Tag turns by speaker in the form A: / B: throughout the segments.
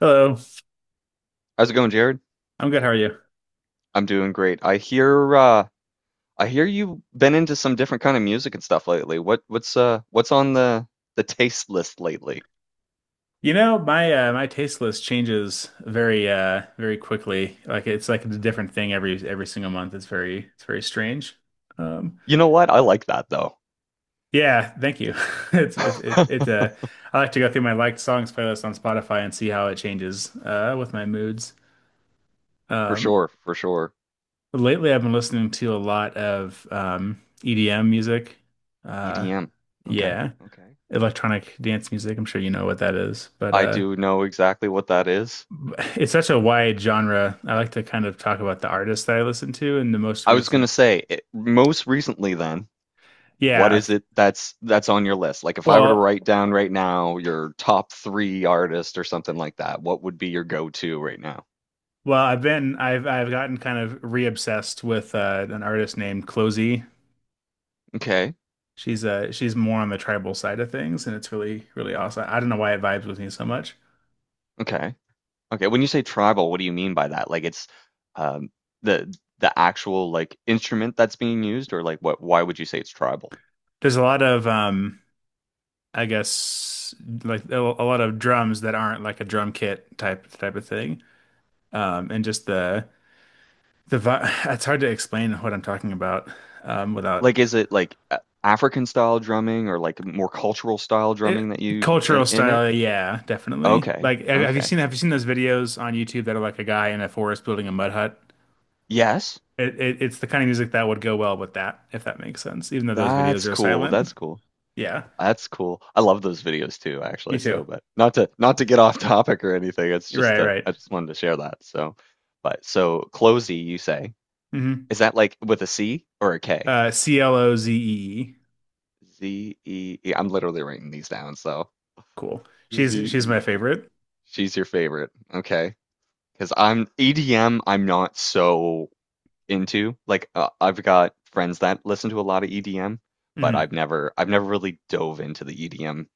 A: Hello,
B: How's it going, Jared?
A: I'm good. How are you?
B: I'm doing great. I hear I hear you've been into some different kind of music and stuff lately. What's on the taste list lately?
A: You know, my taste list changes very very quickly. Like it's like a different thing every single month. It's very strange. Um,
B: You know what? I like that though.
A: yeah, thank you. It's it it, it I like to go through my liked songs playlist on Spotify and see how it changes with my moods.
B: For
A: Um,
B: sure, for sure.
A: Lately I've been listening to a lot of EDM music. Uh,
B: EDM. Okay,
A: yeah,
B: okay.
A: electronic dance music. I'm sure you know what that is, but
B: I
A: uh.
B: do know exactly what that is.
A: It's such a wide genre. I like to kind of talk about the artists that I listen to and the most
B: I was
A: recent.
B: gonna say it, most recently then,
A: Yeah,
B: what
A: I-
B: is it that's on your list? Like if I were to
A: well,
B: write down right now your top three artists or something like that, what would be your go-to right now?
A: well, I've been I've gotten kind of re-obsessed with an artist named Closey.
B: Okay,
A: She's more on the tribal side of things, and it's really really awesome. I don't know why it vibes with me so much.
B: okay. Okay, when you say tribal, what do you mean by that? Like it's um the the actual like instrument that's being used or like what why would you say it's tribal?
A: There's a lot of I guess like a lot of drums that aren't like a drum kit type of thing. And just the vi It's hard to explain what I'm talking about without
B: Like is it like African style drumming or like more cultural style
A: It,
B: drumming that
A: Cultural
B: in it?
A: style, yeah, definitely.
B: Okay.
A: Like, have, have you
B: Okay.
A: seen have you seen those videos on YouTube that are like a guy in a forest building a mud hut?
B: Yes.
A: It's the kind of music that would go well with that, if that makes sense. Even though those videos
B: That's
A: are
B: cool.
A: silent.
B: That's cool.
A: Yeah,
B: That's cool. I love those videos too,
A: me
B: actually.
A: too.
B: So, but not to get off topic or anything. It's just
A: Right, right.
B: I just wanted to share that. So, but so closey, you say.
A: Hmm.
B: Is that like with a C or a K?
A: Clozee.
B: Zee. I'm literally writing these down, so
A: Cool.
B: Z
A: She's
B: E
A: my
B: E.
A: favorite.
B: She's your favorite. Okay. Because I'm EDM, I'm not so into. Like I've got friends that listen to a lot of EDM, but I've
A: Hmm.
B: never I've never really dove into the EDM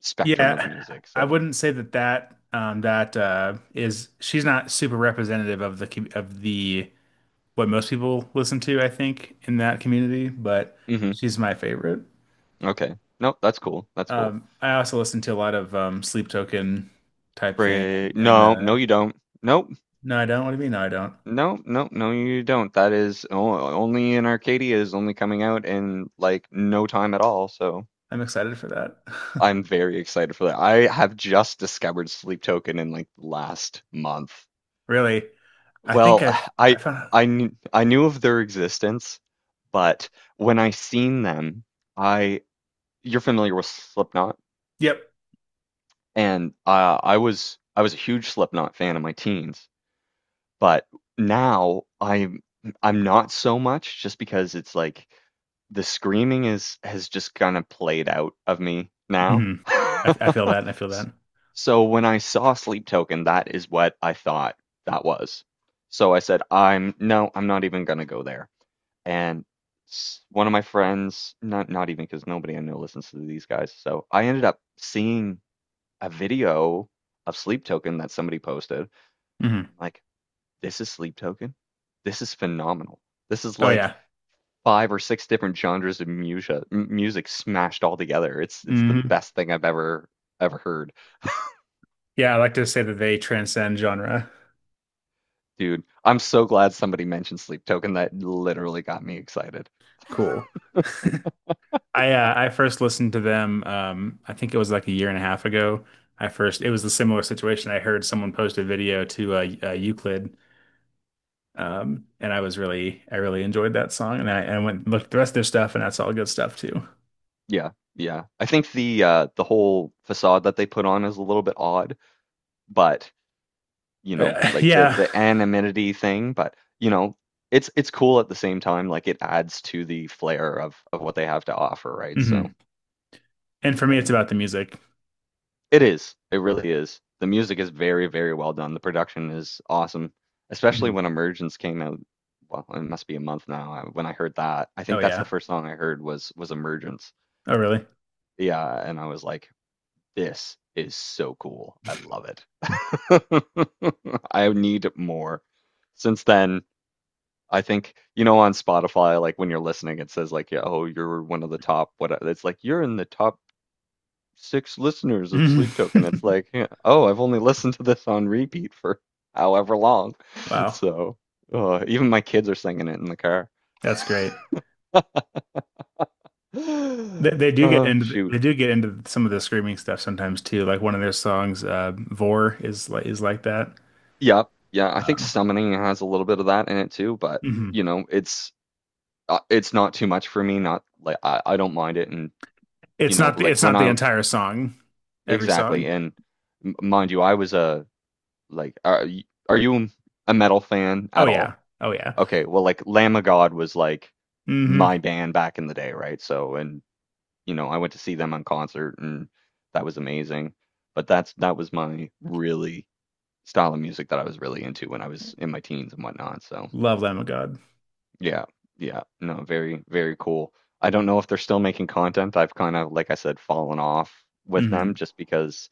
B: spectrum of
A: Yeah,
B: music.
A: I
B: So,
A: wouldn't say that that that is she's not super representative of the what most people listen to, I think, in that community, but
B: hmm
A: she's my favorite.
B: okay. Nope, that's cool. That's cool.
A: I also listen to a lot of Sleep Token type thing, and
B: No, no, you don't. Nope.
A: No, I don't. What do you mean? No, I don't.
B: No, no, no, you don't. That is only in Arcadia is only coming out in like no time at all. So.
A: I'm excited for that.
B: I'm very excited for that. I have just discovered Sleep Token in like last month.
A: Really, I think
B: Well,
A: I've I
B: I
A: found.
B: I knew of their existence, but when I seen them, I you're familiar with Slipknot,
A: Yep.
B: and I was a huge Slipknot fan in my teens. But now I'm not so much just because it's like the screaming is has just kind of played out of me now.
A: Hmm. I feel that, I feel
B: S-
A: that.
B: So when I saw Sleep Token, that is what I thought that was. So I said, I'm no, I'm not even gonna go there. And one of my friends, not even because nobody I know listens to these guys. So I ended up seeing a video of Sleep Token that somebody posted, and
A: Hmm.
B: I'm like, this is Sleep Token. This is phenomenal. This is
A: Oh
B: like
A: yeah.
B: five or six different genres of music smashed all together. It's the
A: Hmm.
B: best thing I've ever heard,
A: Yeah, I like to say that they transcend genre.
B: dude. I'm so glad somebody mentioned Sleep Token. That literally got me excited.
A: Cool. I first listened to them. I think it was like a year and a half ago. I first It was a similar situation. I heard someone post a video to Euclid, and I really enjoyed that song. And I went and looked at the rest of their stuff, and that's all good stuff too.
B: Yeah, yeah. I think the whole facade that they put on is a little bit odd, but you know, like the
A: Yeah.
B: the anonymity thing. But you know, it's cool at the same time. Like it adds to the flair of what they have to offer, right? So,
A: Hmm. And for me,
B: but
A: it's
B: yeah.
A: about the music.
B: It is. It really is. The music is very, very well done. The production is awesome, especially
A: Hmm.
B: when Emergence came out. Well, it must be a month now. When I heard that, I
A: Oh
B: think that's the
A: yeah.
B: first song I heard was Emergence.
A: Oh
B: And
A: really?
B: yeah, and I was like, this is so cool. I love it. I need more. Since then, I think, you know, on Spotify, like when you're listening, it says like, yeah, oh, you're one of the top, what, it's like, you're in the top six listeners of Sleep Token. It's like, yeah, oh, I've only listened to this on repeat for however long.
A: Wow,
B: So, even my kids are singing it in the car.
A: that's great. They do get
B: Oh,
A: into
B: shoot.
A: they do get into some of the screaming stuff sometimes too. Like one of their songs, "Vor" is like that.
B: Yep. Yeah, I think
A: Um,
B: summoning has a little bit of that in it too, but
A: hmm.
B: you know, it's not too much for me. Not like I don't mind it, and you
A: It's
B: know,
A: not the
B: like
A: it's
B: when
A: not the
B: I
A: entire song, every song.
B: exactly, and mind you, I was a like, are, are you a metal fan
A: Oh
B: at
A: yeah,
B: all?
A: oh yeah.
B: Okay, well, like Lamb of God was like
A: Hmm.
B: my band back in the day, right? So, and you know, I went to see them on concert, and that was amazing. But that's that was my really style of music that I was really into when I was in my teens and whatnot. So,
A: Love Lamb of God.
B: yeah, yeah, no, very, very cool. I don't know if they're still making content. I've kind of, like I said, fallen off with them
A: Hmm.
B: just because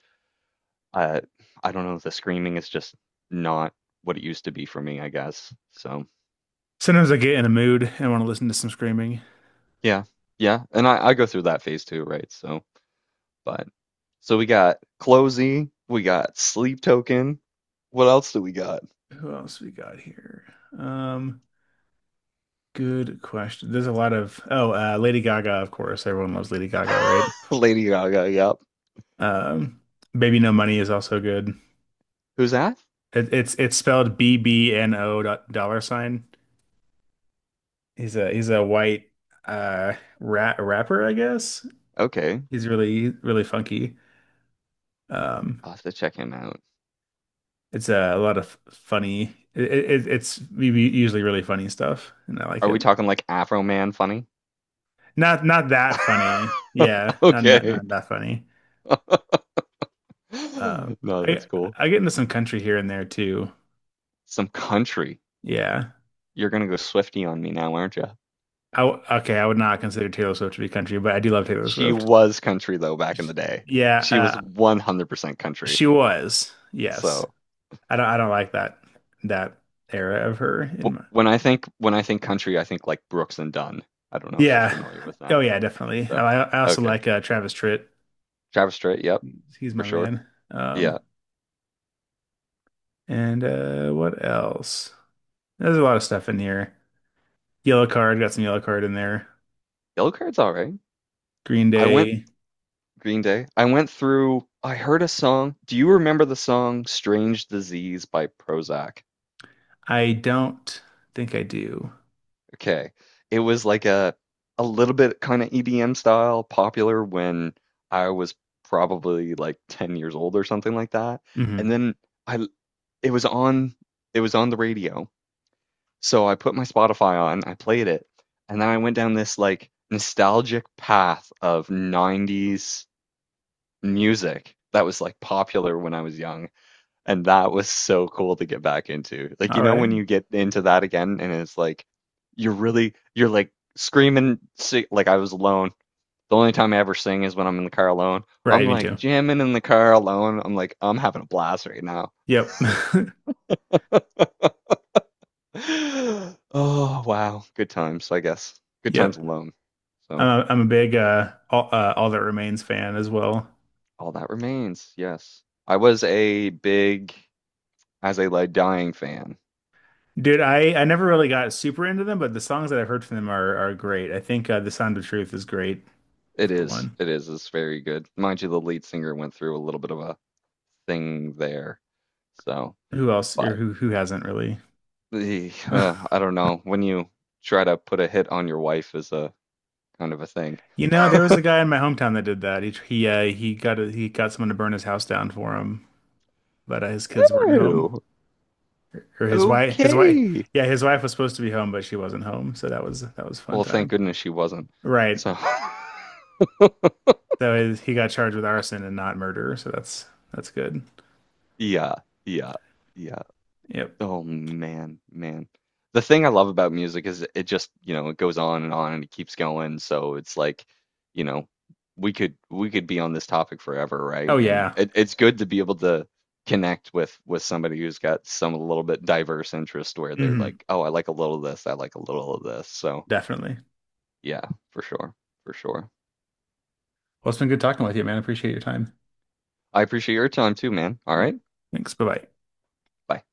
B: uh, I don't know, the screaming is just not what it used to be for me, I guess. So.
A: Sometimes I get in a mood and want to listen to some screaming.
B: Yeah. Yeah. And I go through that phase too, right? So, but so we got Closey, we got Sleep Token. What else do we got?
A: Who else we got here? Um, Good question. There's a lot of oh, Lady Gaga, of course. Everyone loves Lady Gaga, right?
B: Lady Gaga. Yep.
A: Um, Baby No Money is also good.
B: Who's that?
A: It's spelled bbno$. He's a white uh rapper, I guess.
B: Okay.
A: He's really really funky. Um,
B: I'll have to check him out.
A: it's a lot of funny. It's usually really funny stuff, and I like
B: Are
A: it.
B: we talking like Afro Man funny?
A: Not that funny. Yeah, not not
B: okay.
A: not that funny. Uh,
B: no, that's
A: I
B: cool.
A: I get into some country here and there too.
B: Some country.
A: Yeah.
B: You're going to go Swiftie on me now, aren't you?
A: I w Okay, I would not consider Taylor Swift to be country, but I do love Taylor
B: She
A: Swift.
B: was country though back in
A: Sh-
B: the day.
A: Yeah,
B: She was 100% country.
A: she was. Yes.
B: So,
A: I don't like that that era of her in
B: Wh-
A: my
B: When I think when I think country, I think like Brooks and Dunn. I don't know if you're
A: Yeah.
B: familiar with
A: Oh
B: them.
A: yeah, definitely.
B: So,
A: I also
B: okay.
A: like Travis Tritt.
B: Travis Strait, yep,
A: He's
B: for
A: my
B: sure.
A: man.
B: Yeah.
A: And what else? There's a lot of stuff in here. Yellow card, got some yellow card in there.
B: Yellow Card's all right.
A: Green
B: I went
A: Day.
B: Green Day. I went through I heard a song. Do you remember the song Strange Disease by Prozac?
A: I don't think I do.
B: Okay. It was like a little bit kind of EDM style, popular when I was probably like 10 years old or something like that. And
A: Hmm.
B: then I it was on it was on the radio. So I put my Spotify on, I played it, and then I went down this like nostalgic path of 90s music that was like popular when I was young. And that was so cool to get back into. Like, you
A: All
B: know,
A: right.
B: when you get into that again and it's like you're really, you're like screaming, si like I was alone. The only time I ever sing is when I'm in the car alone. I'm
A: Right, me
B: like
A: too.
B: jamming in the car alone. I'm like, I'm having a blast right now.
A: Yep.
B: Oh, wow. Good times, I guess. Good times
A: Yep.
B: alone.
A: I'm
B: So.
A: a, I'm a big All That Remains fan as well.
B: All that remains. Yes. I was a big As They Lay Dying fan.
A: Dude, I never really got super into them, but the songs that I've heard from them are great. I think The Sound of Truth is great
B: It
A: for
B: is.
A: one.
B: It is. It's very good. Mind you, the lead singer went through a little bit of a thing there. So,
A: Who else or
B: but
A: who hasn't really?
B: the I don't know. When you try to put a hit on your wife is a kind of a thing.
A: You know, there was a guy in my hometown that did that. He got someone to burn his house down for him, but his kids weren't home,
B: Oh,
A: or his wife
B: okay.
A: yeah, his wife was supposed to be home, but she wasn't home, so that was a fun
B: Well, thank
A: time.
B: goodness she wasn't.
A: Right.
B: So,
A: So he got charged with arson and not murder, so that's good.
B: yeah, yeah, yeah.
A: Yep.
B: Oh man, man. The thing I love about music is it just, you know, it goes on and it keeps going. So it's like, you know, we could be on this topic forever, right?
A: Oh
B: And
A: yeah.
B: it's good to be able to connect with somebody who's got some a little bit diverse interest where they're
A: Hmm.
B: like, oh, I like a little of this, I like a little of this. So
A: Definitely.
B: yeah, for sure, for sure.
A: Well, it's been good talking with you, man. Appreciate your time.
B: I appreciate your time too, man. All
A: Yeah.
B: right,
A: Thanks. Bye bye.
B: bye.